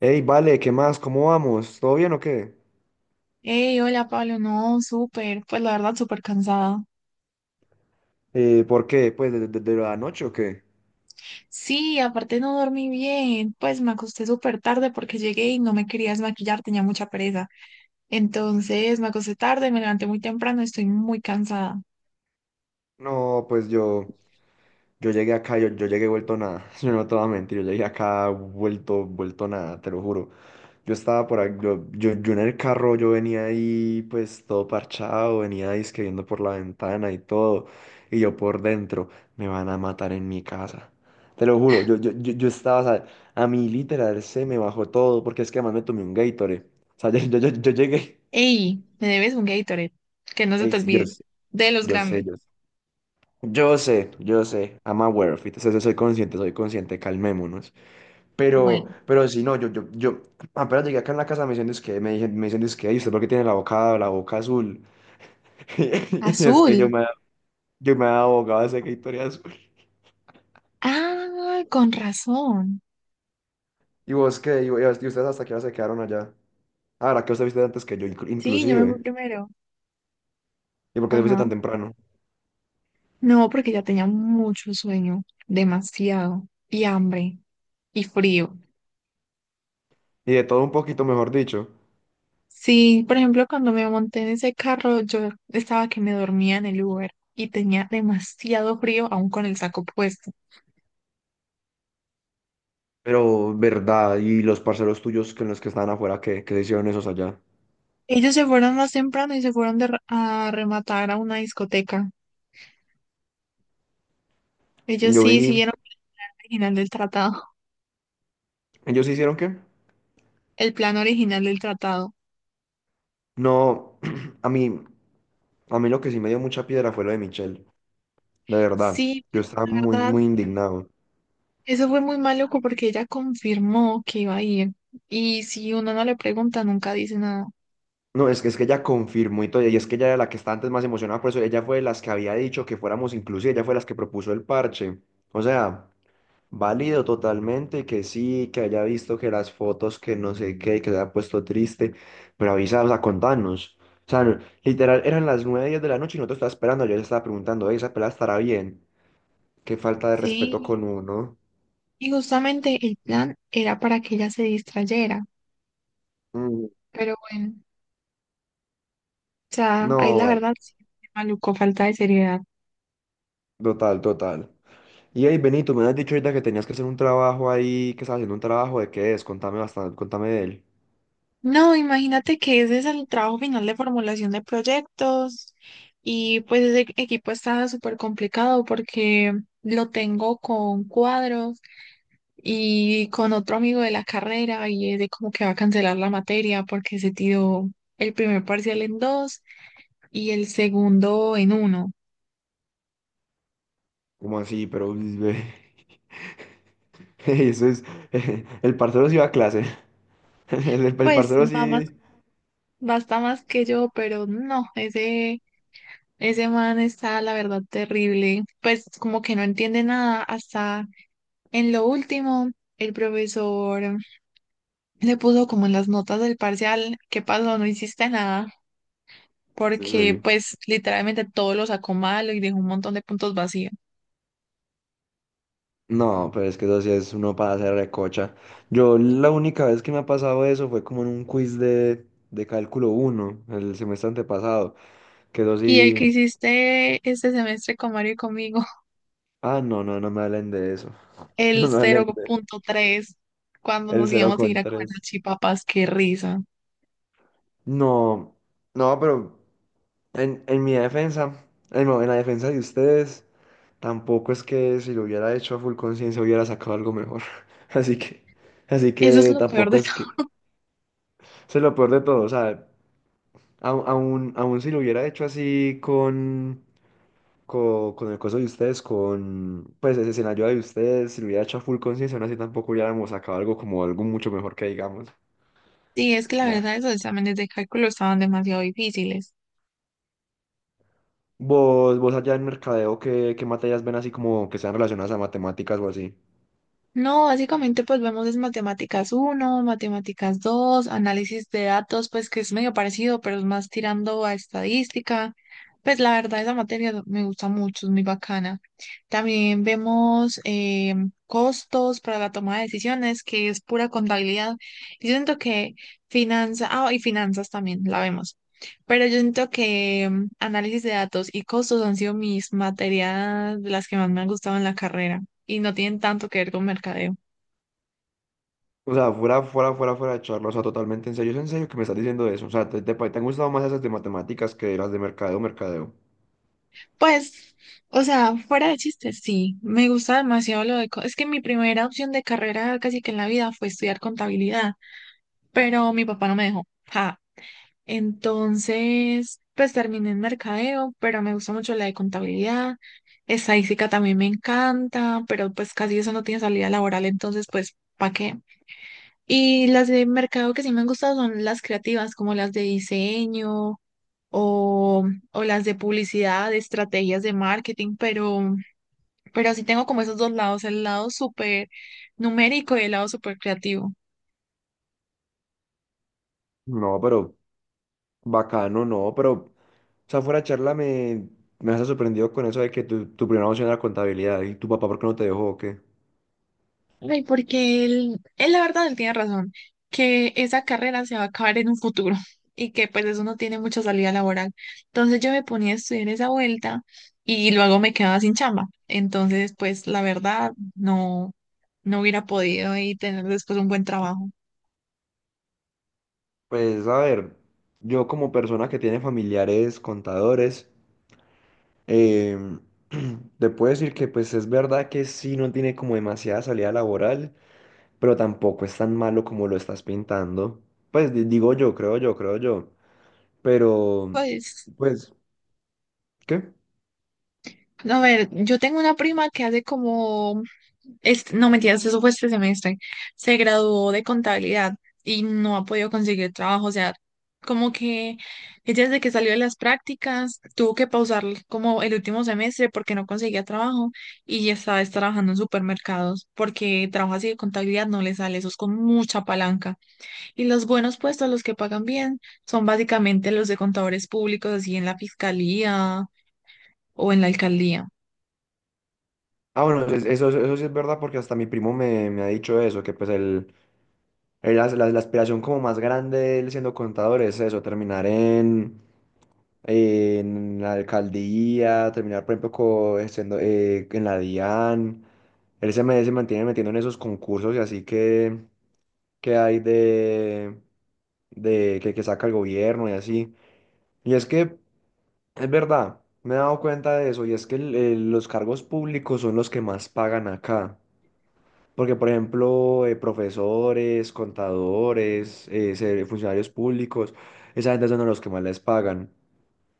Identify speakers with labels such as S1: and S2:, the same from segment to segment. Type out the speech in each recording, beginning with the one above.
S1: Ey, vale, ¿qué más? ¿Cómo vamos? ¿Todo bien o qué?
S2: Hey, hola Pablo, no, súper, pues la verdad súper cansada.
S1: ¿Por qué? ¿Pues desde la noche o qué?
S2: Sí, aparte no dormí bien, pues me acosté súper tarde porque llegué y no me quería desmaquillar, tenía mucha pereza. Entonces me acosté tarde, me levanté muy temprano, estoy muy cansada.
S1: No, pues yo. Yo llegué acá, yo llegué vuelto nada. Yo no te voy a mentir, yo llegué acá vuelto, vuelto nada, te lo juro. Yo estaba por ahí, yo en el carro, yo venía ahí pues todo parchado, venía ahí que viendo por la ventana y todo. Y yo por dentro, me van a matar en mi casa. Te lo juro, yo estaba, o sea, a mí literal se me bajó todo, porque es que además me tomé un Gatorade. O sea, yo llegué,
S2: Hey, me debes un Gatorade, que no se
S1: ey,
S2: te
S1: sí, yo
S2: olvide,
S1: sé,
S2: de los
S1: yo sé,
S2: grandes.
S1: yo sé. Yo sé, yo sé, I'm aware of it, o soy consciente, calmémonos. Pero,
S2: Bueno,
S1: pero sí, no, yo apenas llegué acá en la casa, me dicen, es que, me dicen, es que, "Ay, ¿usted por qué tiene la boca azul?" Y es que yo
S2: azul.
S1: me, yo me abogaba de esa historia azul.
S2: Ah, con razón.
S1: ¿Y vos qué? Y ustedes hasta qué hora se quedaron allá? Ah, la que usted viste antes que yo,
S2: Sí, yo me fui
S1: inclusive.
S2: primero.
S1: ¿Y por qué te viste tan
S2: Ajá.
S1: temprano?
S2: No, porque ya tenía mucho sueño, demasiado, y hambre, y frío.
S1: Y de todo un poquito, mejor dicho.
S2: Sí, por ejemplo, cuando me monté en ese carro, yo estaba que me dormía en el Uber y tenía demasiado frío aún con el saco puesto.
S1: Pero, verdad, y los parceros tuyos con los que estaban afuera, ¿qué hicieron esos allá?
S2: Ellos se fueron más temprano y se fueron a rematar a una discoteca. Ellos
S1: Yo
S2: sí
S1: vi,
S2: siguieron el original del tratado,
S1: ¿ellos sí hicieron qué?
S2: el plan original del tratado.
S1: No, a mí, a mí lo que sí me dio mucha piedra fue lo de Michelle. De verdad,
S2: Sí,
S1: yo
S2: pues,
S1: estaba
S2: la
S1: muy,
S2: verdad,
S1: muy indignado.
S2: eso fue muy maluco porque ella confirmó que iba a ir. Y si uno no le pregunta, nunca dice nada.
S1: No, es que ella confirmó y todo, y es que ella era la que estaba antes más emocionada, por eso ella fue de las que había dicho que fuéramos inclusive, ella fue de las que propuso el parche. O sea, válido totalmente que sí, que haya visto que las fotos, que no sé qué, que se haya puesto triste, pero avisa, o sea, contanos. O sea, no- literal, eran las 9 10 de la noche y nosotros estábamos esperando, yo le estaba preguntando, "Ey, ¿esa pelada estará bien? Qué falta de respeto con
S2: Sí,
S1: uno."
S2: y justamente el plan era para que ella se distrayera.
S1: Mm,
S2: Pero bueno. O sea, ahí
S1: no,
S2: la
S1: vale,
S2: verdad, sí, maluco, falta de seriedad.
S1: total, total. Y ahí, Benito, me has dicho ahorita que tenías que hacer un trabajo ahí, que estás haciendo un trabajo, ¿de qué es? Contame bastante, contame de él.
S2: No, imagínate que ese es el trabajo final de formulación de proyectos y pues ese equipo está súper complicado porque lo tengo con cuadros y con otro amigo de la carrera y es de como que va a cancelar la materia porque se tiró el primer parcial en dos y el segundo en uno.
S1: ¿Cómo así? Pero, uy, ve, eso es, el parcero sí va a clase, el
S2: Pues
S1: parcero
S2: va más,
S1: sí,
S2: basta más que yo, pero no, ese man está, la verdad, terrible. Pues como que no entiende nada. Hasta en lo último, el profesor le puso como en las notas del parcial, ¿qué pasó? No hiciste nada.
S1: es en
S2: Porque
S1: serio.
S2: pues literalmente todo lo sacó malo y dejó un montón de puntos vacíos.
S1: No, pero es que eso sí es uno para hacer recocha. Yo la única vez que me ha pasado eso fue como en un quiz de cálculo uno el semestre antepasado, que eso
S2: Y el
S1: sí,
S2: que hiciste este semestre con Mario y conmigo,
S1: ah, no, no, no me hablen de eso, no
S2: el
S1: me hablen de
S2: 0.3, cuando
S1: el
S2: nos
S1: cero
S2: íbamos a ir
S1: con
S2: a comer las
S1: tres.
S2: chipapas, qué risa.
S1: No, no, pero... En mi defensa, en, no, en la defensa de ustedes, tampoco es que si lo hubiera hecho a full conciencia hubiera sacado algo mejor. Así que, así
S2: Eso es
S1: que
S2: lo peor
S1: tampoco
S2: de
S1: es
S2: todo.
S1: que, eso es lo peor de todo, o sea, aún si lo hubiera hecho así con, con, el coso de ustedes, con, pues ese escenario de ustedes, si lo hubiera hecho a full conciencia, aún así tampoco hubiéramos sacado algo como algo mucho mejor que digamos.
S2: Sí, es que la
S1: Nah.
S2: verdad esos exámenes de cálculo estaban demasiado difíciles.
S1: Vos allá en mercadeo, ¿qué materias ven así como que sean relacionadas a matemáticas o así?
S2: No, básicamente pues vemos es matemáticas uno, matemáticas dos, análisis de datos, pues que es medio parecido, pero es más tirando a estadística. Pues la verdad esa materia me gusta mucho, es muy bacana. También vemos costos para la toma de decisiones, que es pura contabilidad. Y yo siento que finanzas, ah, y finanzas también la vemos. Pero yo siento que análisis de datos y costos han sido mis materias de las que más me han gustado en la carrera y no tienen tanto que ver con mercadeo.
S1: O sea, fuera de charla, o sea, totalmente en serio, es en serio que me estás diciendo eso. O sea, te han gustado más esas de matemáticas que las de mercadeo, mercadeo.
S2: Pues, o sea, fuera de chistes, sí, me gusta demasiado es que mi primera opción de carrera casi que en la vida fue estudiar contabilidad, pero mi papá no me dejó. Ja. Entonces, pues terminé en mercadeo, pero me gusta mucho la de contabilidad. Estadística también me encanta, pero pues casi eso no tiene salida laboral, entonces pues, ¿para qué? Y las de mercado que sí me han gustado son las creativas, como las de diseño, o, o las de publicidad, de estrategias de marketing, pero así tengo como esos dos lados, el lado súper numérico y el lado súper creativo.
S1: No, pero bacano, no, pero, o sea, fuera de charla me, me has sorprendido con eso de que tu primera opción era contabilidad y tu papá, ¿por qué no te dejó o qué?
S2: Ay, porque él la verdad, él tiene razón, que esa carrera se va a acabar en un futuro y que pues eso no tiene mucha salida laboral. Entonces yo me ponía a estudiar esa vuelta y luego me quedaba sin chamba. Entonces, pues la verdad, no, no hubiera podido y tener después un buen trabajo.
S1: Pues, a ver, yo como persona que tiene familiares contadores, em, te puedo decir que, pues, es verdad que sí no tiene como demasiada salida laboral, pero tampoco es tan malo como lo estás pintando. Pues digo yo, creo yo, creo yo. Pero,
S2: Pues
S1: pues, ¿qué?
S2: no, a ver, yo tengo una prima que hace como, este, no mentiras, eso fue este semestre, se graduó de contabilidad y no ha podido conseguir trabajo, o sea, como que ella desde que salió de las prácticas tuvo que pausar como el último semestre porque no conseguía trabajo y ya estaba es trabajando en supermercados porque trabajo así de contabilidad no le sale, eso es con mucha palanca. Y los buenos puestos, los que pagan bien, son básicamente los de contadores públicos, así en la fiscalía o en la alcaldía.
S1: Ah, bueno, es- eso sí es verdad porque hasta mi primo me ha dicho eso, que pues el, la aspiración como más grande de él siendo contador es eso, terminar en la alcaldía, terminar, por ejemplo, siendo, en la DIAN. Él se, me- se mantiene metiendo en esos concursos y así que hay de que, saca el gobierno y así. Y es que es verdad, me he dado cuenta de eso, y es que el- los cargos públicos son los que más pagan acá. Porque, por ejemplo, profesores, contadores, funcionarios públicos, esa gente son a los que más les pagan.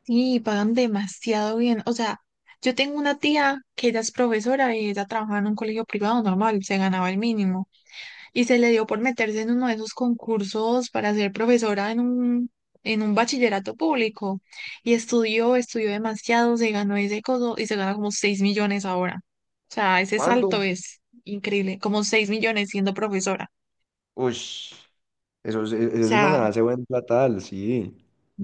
S2: Sí, pagan demasiado bien. O sea, yo tengo una tía que ella es profesora y ella trabajaba en un colegio privado normal, se ganaba el mínimo. Y se le dio por meterse en uno de esos concursos para ser profesora en un bachillerato público. Y estudió, estudió demasiado, se ganó ese coso y se gana como 6 millones ahora. O sea, ese
S1: ¿Cuándo?
S2: salto es increíble, como 6 millones siendo profesora.
S1: Uy, eso es, e,
S2: O
S1: eso es uno
S2: sea,
S1: ganarse buen platal, sí.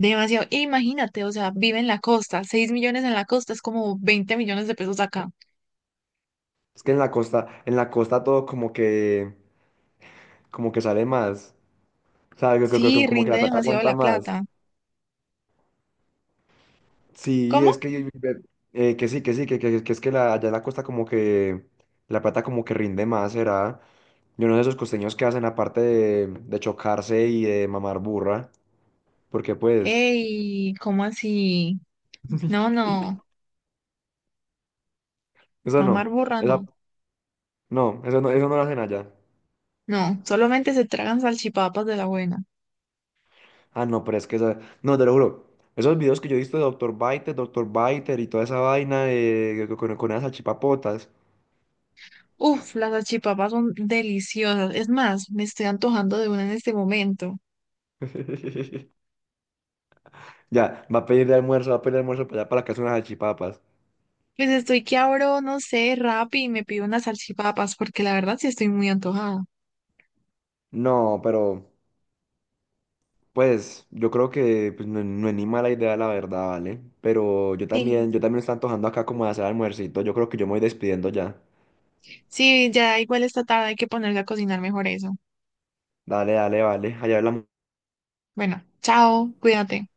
S2: demasiado. E imagínate, o sea, vive en la costa. 6 millones en la costa es como 20 millones de pesos acá.
S1: Es que en la costa todo como que sale más. O sea, co- co- co-
S2: Sí,
S1: como que la
S2: rinde
S1: plata
S2: demasiado
S1: aguanta
S2: la
S1: más.
S2: plata.
S1: Sí, es
S2: ¿Cómo?
S1: que sí, que sí, que es que la, allá en la costa como que la plata como que rinde más, será. Yo no sé esos costeños que hacen aparte de chocarse y de mamar burra, porque pues,
S2: Ey, ¿cómo así? No, no,
S1: eso
S2: no,
S1: no,
S2: burra, no.
S1: no, eso no, eso no lo hacen allá.
S2: No, solamente se tragan salchipapas de la buena.
S1: Ah, no, pero es que esa, no, te lo juro, esos videos que yo he visto de doctor Biter y toda esa vaina de, con esas salchipapotas.
S2: Uf, las salchipapas son deliciosas. Es más, me estoy antojando de una en este momento.
S1: Ya, va a pedir de almuerzo, va a pedir de almuerzo para allá para la casa unas salchipapas.
S2: Pues estoy que abro, no sé, Rappi y me pido unas salchipapas, porque la verdad sí estoy muy antojada.
S1: No, pero... Pues yo creo que pues, no, no es ni mala idea la verdad, ¿vale? Pero
S2: Sí,
S1: yo también me está antojando acá como de hacer almuercito. Yo creo que yo me voy despidiendo ya.
S2: sí, ya igual esta tarde hay que ponerse a cocinar mejor eso.
S1: Dale, dale, vale. Allá hablamos.
S2: Bueno, chao, cuídate.